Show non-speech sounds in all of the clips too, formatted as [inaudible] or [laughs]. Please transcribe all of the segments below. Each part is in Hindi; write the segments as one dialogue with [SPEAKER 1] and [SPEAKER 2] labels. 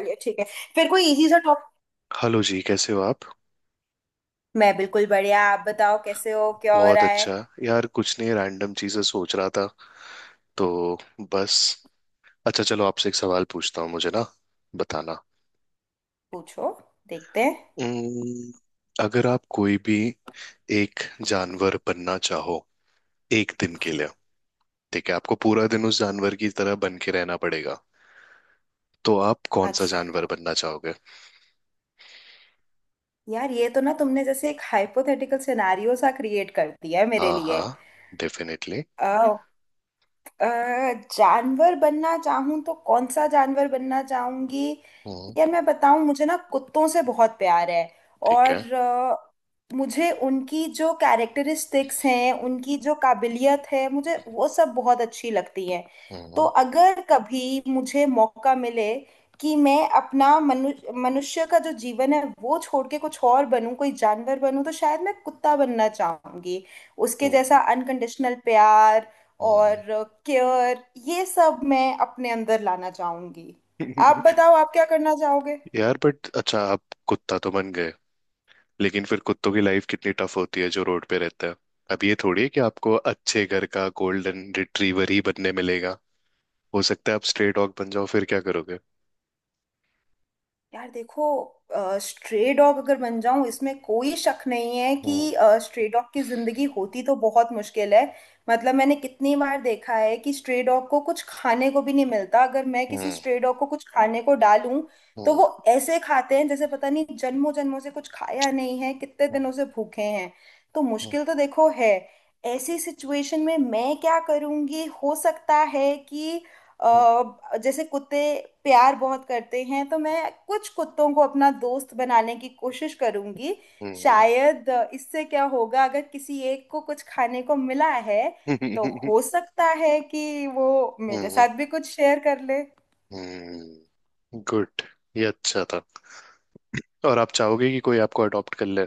[SPEAKER 1] चलिए, ठीक है। फिर कोई इजी सा टॉप।
[SPEAKER 2] हेलो जी कैसे हो आप।
[SPEAKER 1] मैं बिल्कुल बढ़िया। आप बताओ, कैसे हो, क्या हो
[SPEAKER 2] बहुत
[SPEAKER 1] रहा है।
[SPEAKER 2] अच्छा। यार कुछ नहीं रैंडम चीजें सोच रहा था। तो बस। अच्छा चलो आपसे एक सवाल पूछता हूँ मुझे ना बताना।
[SPEAKER 1] पूछो, देखते हैं।
[SPEAKER 2] उम्म, अगर आप कोई भी एक जानवर बनना चाहो एक दिन के लिए। ठीक है आपको पूरा दिन उस जानवर की तरह बन के रहना पड़ेगा। तो आप कौन सा
[SPEAKER 1] अच्छा,
[SPEAKER 2] जानवर बनना चाहोगे?
[SPEAKER 1] यार ये तो ना तुमने जैसे एक हाइपोथेटिकल सिनारियो सा क्रिएट कर दिया है मेरे
[SPEAKER 2] हाँ
[SPEAKER 1] लिए।
[SPEAKER 2] हाँ। डेफिनेटली।
[SPEAKER 1] अ, अ, जानवर बनना चाहूं तो कौन सा जानवर बनना चाहूंगी।
[SPEAKER 2] हम्म।
[SPEAKER 1] यार मैं बताऊं, मुझे ना कुत्तों से बहुत प्यार है।
[SPEAKER 2] ठीक है।
[SPEAKER 1] और मुझे उनकी जो कैरेक्टरिस्टिक्स हैं, उनकी जो काबिलियत है, मुझे वो सब बहुत अच्छी लगती है। तो
[SPEAKER 2] हम्म।
[SPEAKER 1] अगर कभी मुझे मौका मिले कि मैं अपना मनुष्य का जो जीवन है वो छोड़ के कुछ और बनूं, कोई जानवर बनूं, तो शायद मैं कुत्ता बनना चाहूंगी। उसके जैसा
[SPEAKER 2] हम्म।
[SPEAKER 1] अनकंडीशनल प्यार
[SPEAKER 2] हम्म।
[SPEAKER 1] और केयर, ये सब मैं अपने अंदर लाना चाहूंगी। आप बताओ, आप क्या करना चाहोगे।
[SPEAKER 2] [laughs] यार बट अच्छा आप कुत्ता तो बन गए। लेकिन फिर कुत्तों की लाइफ कितनी टफ होती है जो रोड पे रहता है। अब ये थोड़ी है कि आपको अच्छे घर का गोल्डन रिट्रीवर ही बनने मिलेगा। हो सकता है आप स्ट्रे डॉग बन जाओ फिर क्या करोगे?
[SPEAKER 1] यार देखो, स्ट्रे डॉग अगर बन जाऊं, इसमें कोई शक नहीं है कि
[SPEAKER 2] हम्म।
[SPEAKER 1] स्ट्रे डॉग की जिंदगी होती तो बहुत मुश्किल है। मतलब मैंने कितनी बार देखा है कि स्ट्रे डॉग को कुछ खाने को भी नहीं मिलता। अगर मैं किसी
[SPEAKER 2] हम्म।
[SPEAKER 1] स्ट्रे डॉग को कुछ खाने को डालूं, तो
[SPEAKER 2] हम्म।
[SPEAKER 1] वो ऐसे खाते हैं जैसे पता नहीं जन्मों जन्मों से कुछ खाया नहीं है, कितने दिनों से भूखे हैं। तो
[SPEAKER 2] हम्म।
[SPEAKER 1] मुश्किल तो देखो है। ऐसी सिचुएशन में मैं क्या करूंगी, हो सकता है कि जैसे कुत्ते प्यार बहुत करते हैं, तो मैं कुछ कुत्तों को अपना दोस्त बनाने की कोशिश करूंगी
[SPEAKER 2] हम्म।
[SPEAKER 1] शायद। इससे क्या होगा, अगर किसी एक को कुछ खाने को मिला है, तो
[SPEAKER 2] हम्म।
[SPEAKER 1] हो सकता है कि वो मेरे
[SPEAKER 2] हम्म।
[SPEAKER 1] साथ भी कुछ शेयर कर ले।
[SPEAKER 2] हम्म, गुड। ये अच्छा था। और आप चाहोगे कि कोई आपको अडॉप्ट कर ले?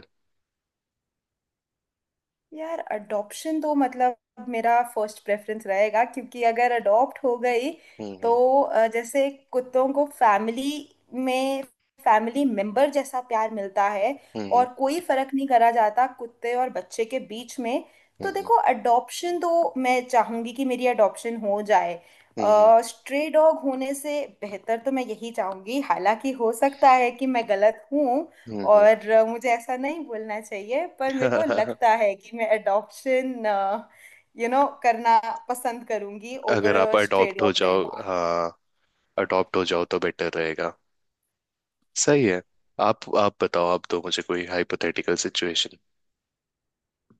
[SPEAKER 1] यार अडॉप्शन तो मतलब मेरा फर्स्ट प्रेफरेंस रहेगा, क्योंकि अगर अडॉप्ट हो गई तो
[SPEAKER 2] हम्म।
[SPEAKER 1] जैसे कुत्तों को फैमिली में फैमिली मेंबर जैसा प्यार मिलता है। और
[SPEAKER 2] हम्म।
[SPEAKER 1] कोई फर्क नहीं करा जाता कुत्ते और बच्चे के बीच में। तो
[SPEAKER 2] हम्म।
[SPEAKER 1] देखो, अडॉप्शन तो मैं चाहूंगी कि मेरी अडॉप्शन हो जाए।
[SPEAKER 2] हम्म। हम्म।
[SPEAKER 1] स्ट्रे डॉग होने से बेहतर तो मैं यही चाहूंगी, हालांकि हो सकता है कि मैं गलत हूँ।
[SPEAKER 2] हम्म,
[SPEAKER 1] और मुझे ऐसा नहीं बोलना चाहिए, पर मेरे को
[SPEAKER 2] हम्म।
[SPEAKER 1] लगता है कि मैं अडॉप्शन करना पसंद करूंगी
[SPEAKER 2] [laughs]
[SPEAKER 1] ओवर
[SPEAKER 2] अगर आप
[SPEAKER 1] अ स्ट्रे
[SPEAKER 2] अडॉप्ट हो
[SPEAKER 1] डॉग
[SPEAKER 2] जाओ,
[SPEAKER 1] रहना।
[SPEAKER 2] हाँ। अडॉप्ट हो जाओ तो बेटर रहेगा। सही है। आप बताओ आप दो मुझे कोई हाइपोथेटिकल सिचुएशन।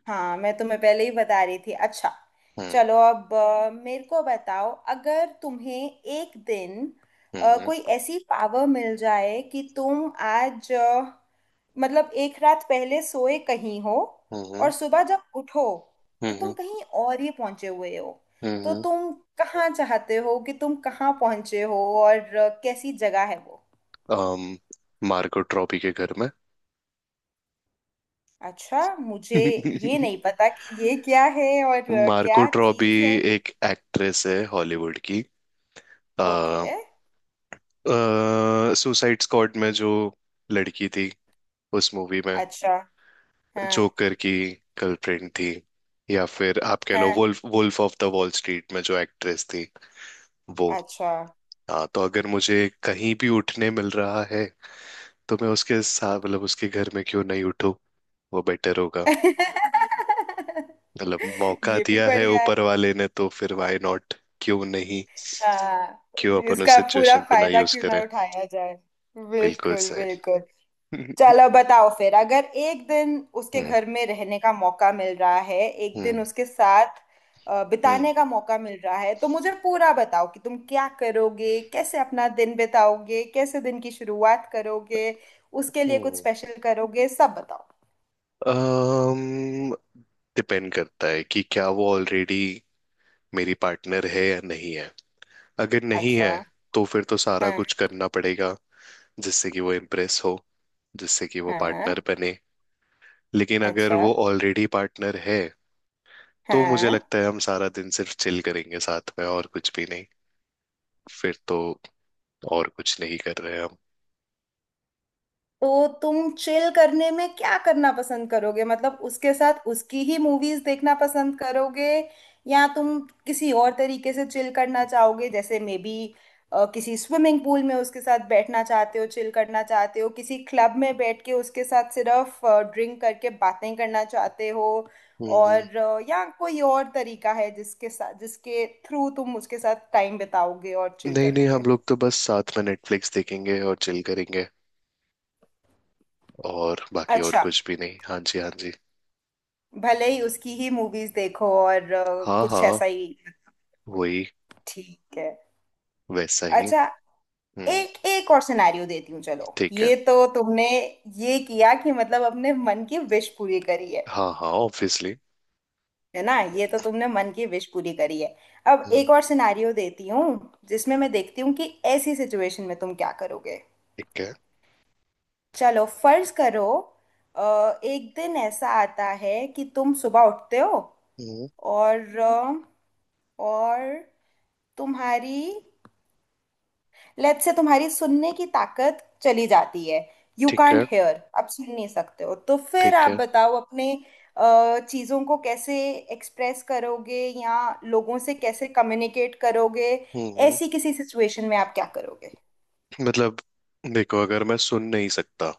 [SPEAKER 1] हाँ, मैं तुम्हें पहले ही बता रही थी। अच्छा,
[SPEAKER 2] हम्म।
[SPEAKER 1] चलो अब मेरे को बताओ, अगर तुम्हें एक दिन
[SPEAKER 2] हम्म।
[SPEAKER 1] कोई ऐसी पावर मिल जाए कि तुम आज मतलब एक रात पहले सोए कहीं हो, और
[SPEAKER 2] हम्म।
[SPEAKER 1] सुबह जब उठो तो तुम
[SPEAKER 2] हम्म।
[SPEAKER 1] कहीं और ही पहुंचे हुए हो, तो
[SPEAKER 2] हम्म।
[SPEAKER 1] तुम कहाँ चाहते हो कि तुम कहाँ पहुंचे हो, और कैसी जगह है वो।
[SPEAKER 2] um, मार्को ट्रॉबी के घर में।
[SPEAKER 1] अच्छा, मुझे ये
[SPEAKER 2] [laughs]
[SPEAKER 1] नहीं पता कि ये क्या है और
[SPEAKER 2] मार्को
[SPEAKER 1] क्या
[SPEAKER 2] ट्रॉबी
[SPEAKER 1] चीज़ है।
[SPEAKER 2] एक एक्ट्रेस है हॉलीवुड की।
[SPEAKER 1] ओके।
[SPEAKER 2] आ, सुसाइड स्क्वाड में जो लड़की थी उस मूवी में
[SPEAKER 1] अच्छा। हाँ,
[SPEAKER 2] जोकर की गर्लफ्रेंड थी। या फिर आप कह लो
[SPEAKER 1] हाँ।
[SPEAKER 2] Wolf wolf of the wall street में जो एक्ट्रेस थी वो।
[SPEAKER 1] अच्छा।
[SPEAKER 2] हाँ तो अगर मुझे कहीं भी उठने मिल रहा है तो मैं उसके साथ मतलब उसके घर में क्यों नहीं उठूं? वो बेटर होगा।
[SPEAKER 1] [laughs]
[SPEAKER 2] मतलब मौका
[SPEAKER 1] ये भी
[SPEAKER 2] दिया है
[SPEAKER 1] बढ़िया है।
[SPEAKER 2] ऊपर वाले ने तो फिर व्हाई नॉट। क्यों नहीं।
[SPEAKER 1] हाँ।
[SPEAKER 2] क्यों अपन उस
[SPEAKER 1] इसका पूरा
[SPEAKER 2] सिचुएशन को ना
[SPEAKER 1] फायदा
[SPEAKER 2] यूज
[SPEAKER 1] क्यों ना
[SPEAKER 2] करें।
[SPEAKER 1] उठाया जाए।
[SPEAKER 2] बिल्कुल
[SPEAKER 1] बिल्कुल,
[SPEAKER 2] सही।
[SPEAKER 1] बिल्कुल।
[SPEAKER 2] [laughs] हम्म।
[SPEAKER 1] चलो बताओ फिर, अगर एक दिन उसके घर में रहने का मौका मिल रहा है, एक दिन
[SPEAKER 2] हम्म।
[SPEAKER 1] उसके साथ
[SPEAKER 2] हम्म।
[SPEAKER 1] बिताने का मौका मिल रहा है, तो मुझे पूरा बताओ कि तुम क्या करोगे, कैसे अपना दिन बिताओगे, कैसे दिन की शुरुआत करोगे, उसके लिए कुछ
[SPEAKER 2] हम्म।
[SPEAKER 1] स्पेशल करोगे, सब बताओ।
[SPEAKER 2] um, डिपेंड करता है कि क्या वो ऑलरेडी मेरी पार्टनर है या नहीं है। अगर नहीं
[SPEAKER 1] अच्छा।
[SPEAKER 2] है तो फिर तो सारा
[SPEAKER 1] हाँ,
[SPEAKER 2] कुछ करना पड़ेगा, जिससे कि वो इम्प्रेस हो, जिससे कि वो
[SPEAKER 1] हाँ।
[SPEAKER 2] पार्टनर बने। लेकिन अगर
[SPEAKER 1] अच्छा।
[SPEAKER 2] वो ऑलरेडी पार्टनर है तो मुझे
[SPEAKER 1] हाँ,
[SPEAKER 2] लगता है हम सारा दिन सिर्फ चिल करेंगे साथ में और कुछ भी नहीं। फिर तो और कुछ नहीं कर रहे हम।
[SPEAKER 1] तो तुम चिल करने में क्या करना पसंद करोगे, मतलब उसके साथ उसकी ही मूवीज देखना पसंद करोगे, या तुम किसी और तरीके से चिल करना चाहोगे, जैसे मे बी किसी स्विमिंग पूल में उसके साथ बैठना चाहते हो, चिल करना चाहते हो, किसी क्लब में बैठ के उसके साथ सिर्फ ड्रिंक करके बातें करना चाहते हो,
[SPEAKER 2] हम्म।
[SPEAKER 1] और या कोई और तरीका है जिसके साथ, जिसके थ्रू तुम उसके साथ टाइम बिताओगे और चिल
[SPEAKER 2] नहीं नहीं, हम
[SPEAKER 1] करोगे।
[SPEAKER 2] लोग तो बस साथ में नेटफ्लिक्स देखेंगे और चिल करेंगे। और बाकी और
[SPEAKER 1] अच्छा,
[SPEAKER 2] कुछ भी नहीं। हाँ जी, हाँ जी।
[SPEAKER 1] भले ही उसकी ही मूवीज देखो और
[SPEAKER 2] हाँ
[SPEAKER 1] कुछ
[SPEAKER 2] हाँ।
[SPEAKER 1] ऐसा ही।
[SPEAKER 2] वही।
[SPEAKER 1] ठीक है।
[SPEAKER 2] वैसा ही।
[SPEAKER 1] अच्छा,
[SPEAKER 2] हम्म।
[SPEAKER 1] एक एक और सिनेरियो देती हूँ। चलो,
[SPEAKER 2] ठीक है।
[SPEAKER 1] ये तो तुमने ये किया कि मतलब अपने मन की विश पूरी करी है।
[SPEAKER 2] हाँ हाँ ऑब्वियसली।
[SPEAKER 1] है ना, ये तो तुमने मन की विश पूरी करी है। अब
[SPEAKER 2] हम्म।
[SPEAKER 1] एक और सिनेरियो देती हूँ, जिसमें मैं देखती हूँ कि ऐसी सिचुएशन में तुम क्या करोगे।
[SPEAKER 2] ठीक है।
[SPEAKER 1] चलो, फर्ज करो, एक दिन ऐसा आता है कि तुम सुबह उठते हो,
[SPEAKER 2] हम्म।
[SPEAKER 1] और और तुम्हारी लेट से तुम्हारी सुनने की ताकत चली जाती है। यू
[SPEAKER 2] ठीक
[SPEAKER 1] कांट
[SPEAKER 2] है।
[SPEAKER 1] हेयर, आप सुन नहीं सकते हो, तो फिर
[SPEAKER 2] ठीक
[SPEAKER 1] आप
[SPEAKER 2] है।
[SPEAKER 1] बताओ अपने चीजों को कैसे एक्सप्रेस करोगे, या लोगों से कैसे कम्युनिकेट करोगे।
[SPEAKER 2] हम्म।
[SPEAKER 1] ऐसी किसी सिचुएशन में आप क्या करोगे।
[SPEAKER 2] मतलब देखो अगर मैं सुन नहीं सकता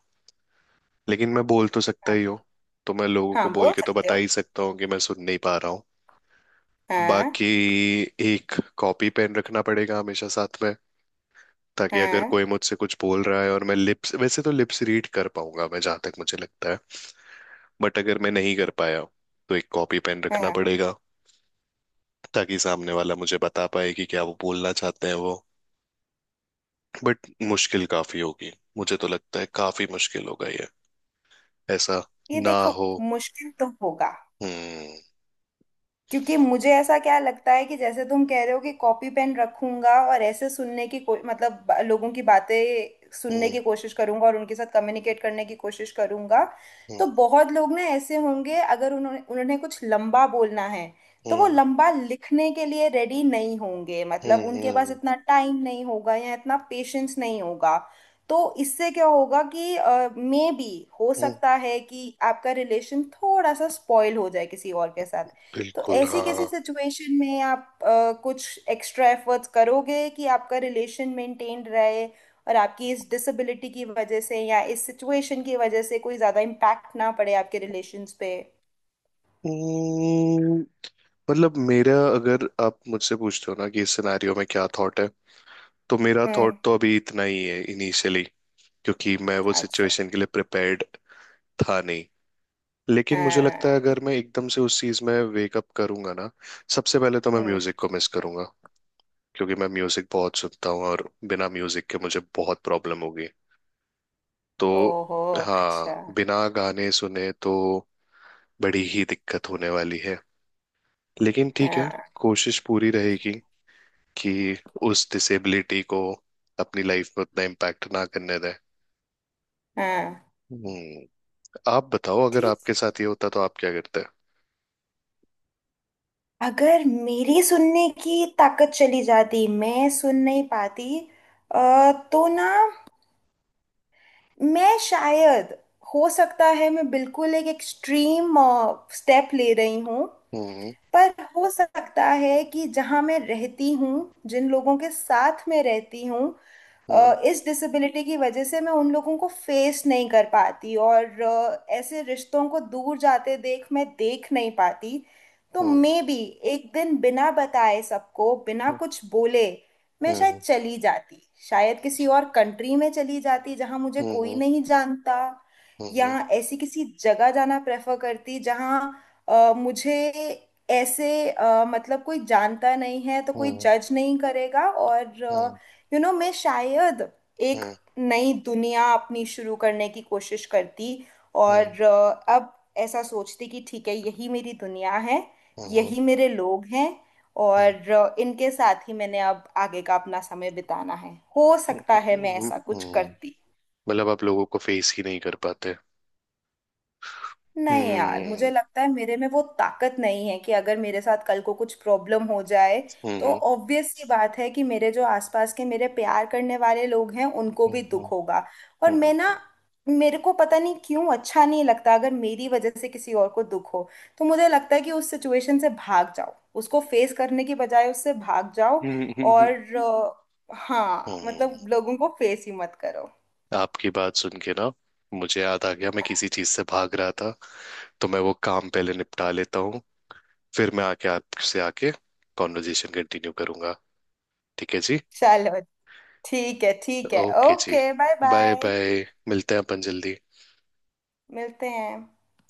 [SPEAKER 2] लेकिन मैं बोल तो सकता
[SPEAKER 1] हाँ,
[SPEAKER 2] ही हूँ। तो मैं लोगों को
[SPEAKER 1] हाँ
[SPEAKER 2] बोल
[SPEAKER 1] बोल
[SPEAKER 2] के तो
[SPEAKER 1] सकते
[SPEAKER 2] बता
[SPEAKER 1] हो।
[SPEAKER 2] ही सकता हूँ कि मैं सुन नहीं पा रहा हूँ। बाकी
[SPEAKER 1] हाँ।
[SPEAKER 2] एक कॉपी पेन रखना पड़ेगा हमेशा साथ में। ताकि अगर
[SPEAKER 1] हाँ।
[SPEAKER 2] कोई मुझसे कुछ बोल रहा है और मैं लिप्स, वैसे तो लिप्स रीड कर पाऊंगा मैं जहां तक मुझे लगता है। बट अगर मैं नहीं कर पाया तो एक कॉपी पेन रखना
[SPEAKER 1] हाँ।
[SPEAKER 2] पड़ेगा। ताकि सामने वाला मुझे बता पाए कि क्या वो बोलना चाहते हैं वो। बट मुश्किल काफी होगी। मुझे तो लगता है काफी मुश्किल होगा ये। ऐसा
[SPEAKER 1] ये
[SPEAKER 2] ना
[SPEAKER 1] देखो,
[SPEAKER 2] हो।
[SPEAKER 1] मुश्किल तो होगा,
[SPEAKER 2] हम्म।
[SPEAKER 1] क्योंकि मुझे ऐसा क्या लगता है कि जैसे तुम कह रहे हो कि कॉपी पेन रखूंगा और ऐसे सुनने की मतलब लोगों की बातें सुनने
[SPEAKER 2] हम्म।
[SPEAKER 1] की कोशिश करूंगा और उनके साथ कम्युनिकेट करने की कोशिश करूंगा।
[SPEAKER 2] हम्म।
[SPEAKER 1] तो बहुत लोग ना ऐसे होंगे, अगर उन्होंने उन्हें कुछ लंबा बोलना है, तो वो
[SPEAKER 2] हम्म।
[SPEAKER 1] लंबा लिखने के लिए रेडी नहीं होंगे,
[SPEAKER 2] हम्म।
[SPEAKER 1] मतलब उनके पास इतना टाइम नहीं होगा या इतना पेशेंस नहीं होगा। तो इससे क्या होगा कि मे बी हो
[SPEAKER 2] हम्म,
[SPEAKER 1] सकता है कि आपका रिलेशन थोड़ा सा स्पॉइल हो जाए किसी और के साथ। तो
[SPEAKER 2] बिल्कुल
[SPEAKER 1] ऐसी किसी
[SPEAKER 2] हाँ।
[SPEAKER 1] सिचुएशन में आप कुछ एक्स्ट्रा एफर्ट्स करोगे कि आपका रिलेशन मेंटेन रहे, और आपकी इस डिसेबिलिटी की वजह से या इस सिचुएशन की वजह से कोई ज्यादा इम्पैक्ट ना पड़े आपके रिलेशंस पे।
[SPEAKER 2] हम्म, मतलब मेरा अगर आप मुझसे पूछते हो ना कि इस सिनेरियो में क्या थॉट है, तो मेरा थॉट
[SPEAKER 1] हम्म।
[SPEAKER 2] तो अभी इतना ही है इनिशियली। क्योंकि मैं वो
[SPEAKER 1] अच्छा।
[SPEAKER 2] सिचुएशन के लिए प्रिपेयर्ड था नहीं। लेकिन मुझे लगता है
[SPEAKER 1] हाँ।
[SPEAKER 2] अगर मैं एकदम से उस चीज में वेक अप करूंगा ना, सबसे पहले तो मैं
[SPEAKER 1] हम्म।
[SPEAKER 2] म्यूजिक को मिस करूंगा। क्योंकि मैं म्यूजिक बहुत सुनता हूँ और बिना म्यूजिक के मुझे बहुत प्रॉब्लम होगी। तो
[SPEAKER 1] ओहो। अच्छा।
[SPEAKER 2] हाँ बिना गाने सुने तो बड़ी ही दिक्कत होने वाली है। लेकिन ठीक है।
[SPEAKER 1] हाँ,
[SPEAKER 2] कोशिश पूरी रहेगी कि उस डिसेबिलिटी को अपनी लाइफ में उतना इम्पैक्ट ना करने दें।
[SPEAKER 1] हाँ।
[SPEAKER 2] हम्म। आप बताओ अगर
[SPEAKER 1] ठीक।
[SPEAKER 2] आपके साथ ये होता तो आप क्या करते?
[SPEAKER 1] अगर मेरी सुनने की ताकत चली जाती, मैं सुन नहीं पाती, तो ना मैं शायद, हो सकता है मैं बिल्कुल एक एक्सट्रीम स्टेप ले रही हूँ,
[SPEAKER 2] हम्म।
[SPEAKER 1] पर हो सकता है कि जहां मैं रहती हूँ, जिन लोगों के साथ मैं रहती हूँ,
[SPEAKER 2] हम्म।
[SPEAKER 1] इस डिसेबिलिटी की वजह से मैं उन लोगों को फेस नहीं कर पाती, और ऐसे रिश्तों को दूर जाते देख मैं देख नहीं पाती। तो
[SPEAKER 2] हम्म।
[SPEAKER 1] मे बी एक दिन बिना बताए सबको, बिना कुछ बोले, मैं शायद
[SPEAKER 2] हम्म।
[SPEAKER 1] चली जाती। शायद किसी और कंट्री में चली जाती जहां मुझे
[SPEAKER 2] हम्म।
[SPEAKER 1] कोई
[SPEAKER 2] हम्म।
[SPEAKER 1] नहीं जानता, या
[SPEAKER 2] हम्म।
[SPEAKER 1] ऐसी किसी जगह जाना प्रेफर करती जहां मुझे ऐसे मतलब कोई जानता नहीं है, तो कोई
[SPEAKER 2] हम्म।
[SPEAKER 1] जज नहीं करेगा, और
[SPEAKER 2] हम्म।
[SPEAKER 1] यू नो मैं शायद एक
[SPEAKER 2] हम्म।
[SPEAKER 1] नई दुनिया अपनी शुरू करने की कोशिश करती। और अब ऐसा सोचती कि ठीक है, यही मेरी दुनिया है,
[SPEAKER 2] हम्म,
[SPEAKER 1] यही मेरे लोग हैं,
[SPEAKER 2] हम्म,
[SPEAKER 1] और इनके साथ ही मैंने अब आगे का अपना समय बिताना है। हो सकता है मैं ऐसा कुछ
[SPEAKER 2] हम्म।
[SPEAKER 1] करती।
[SPEAKER 2] मतलब आप लोगों को फेस ही नहीं कर पाते?
[SPEAKER 1] नहीं यार, मुझे
[SPEAKER 2] हम्म।
[SPEAKER 1] लगता है मेरे में वो ताकत नहीं है कि अगर मेरे साथ कल को कुछ प्रॉब्लम हो जाए, तो
[SPEAKER 2] हम्म।
[SPEAKER 1] ऑब्वियस सी बात है कि मेरे जो आसपास के मेरे प्यार करने वाले लोग हैं, उनको
[SPEAKER 2] हम्म।
[SPEAKER 1] भी
[SPEAKER 2] हम्म।
[SPEAKER 1] दुख होगा। और मैं
[SPEAKER 2] हम्म।
[SPEAKER 1] ना, मेरे को पता नहीं क्यों अच्छा नहीं लगता अगर मेरी वजह से किसी और को दुख हो। तो मुझे लगता है कि उस सिचुएशन से भाग जाओ, उसको फेस करने की बजाय उससे भाग जाओ।
[SPEAKER 2] हम्म, हम्म,
[SPEAKER 1] और हाँ,
[SPEAKER 2] हम्म।
[SPEAKER 1] मतलब लोगों को फेस ही मत करो।
[SPEAKER 2] आपकी बात सुन के ना मुझे याद आ गया मैं किसी चीज से भाग रहा था। तो मैं वो काम पहले निपटा लेता हूँ। फिर मैं आके आपसे आके कॉन्वर्जेशन कंटिन्यू करूंगा। ठीक है जी।
[SPEAKER 1] चलो, ठीक है, ठीक है।
[SPEAKER 2] ओके जी।
[SPEAKER 1] Okay, bye
[SPEAKER 2] bye
[SPEAKER 1] bye.
[SPEAKER 2] Bye मिलते हैं अपन जल्दी।
[SPEAKER 1] मिलते हैं।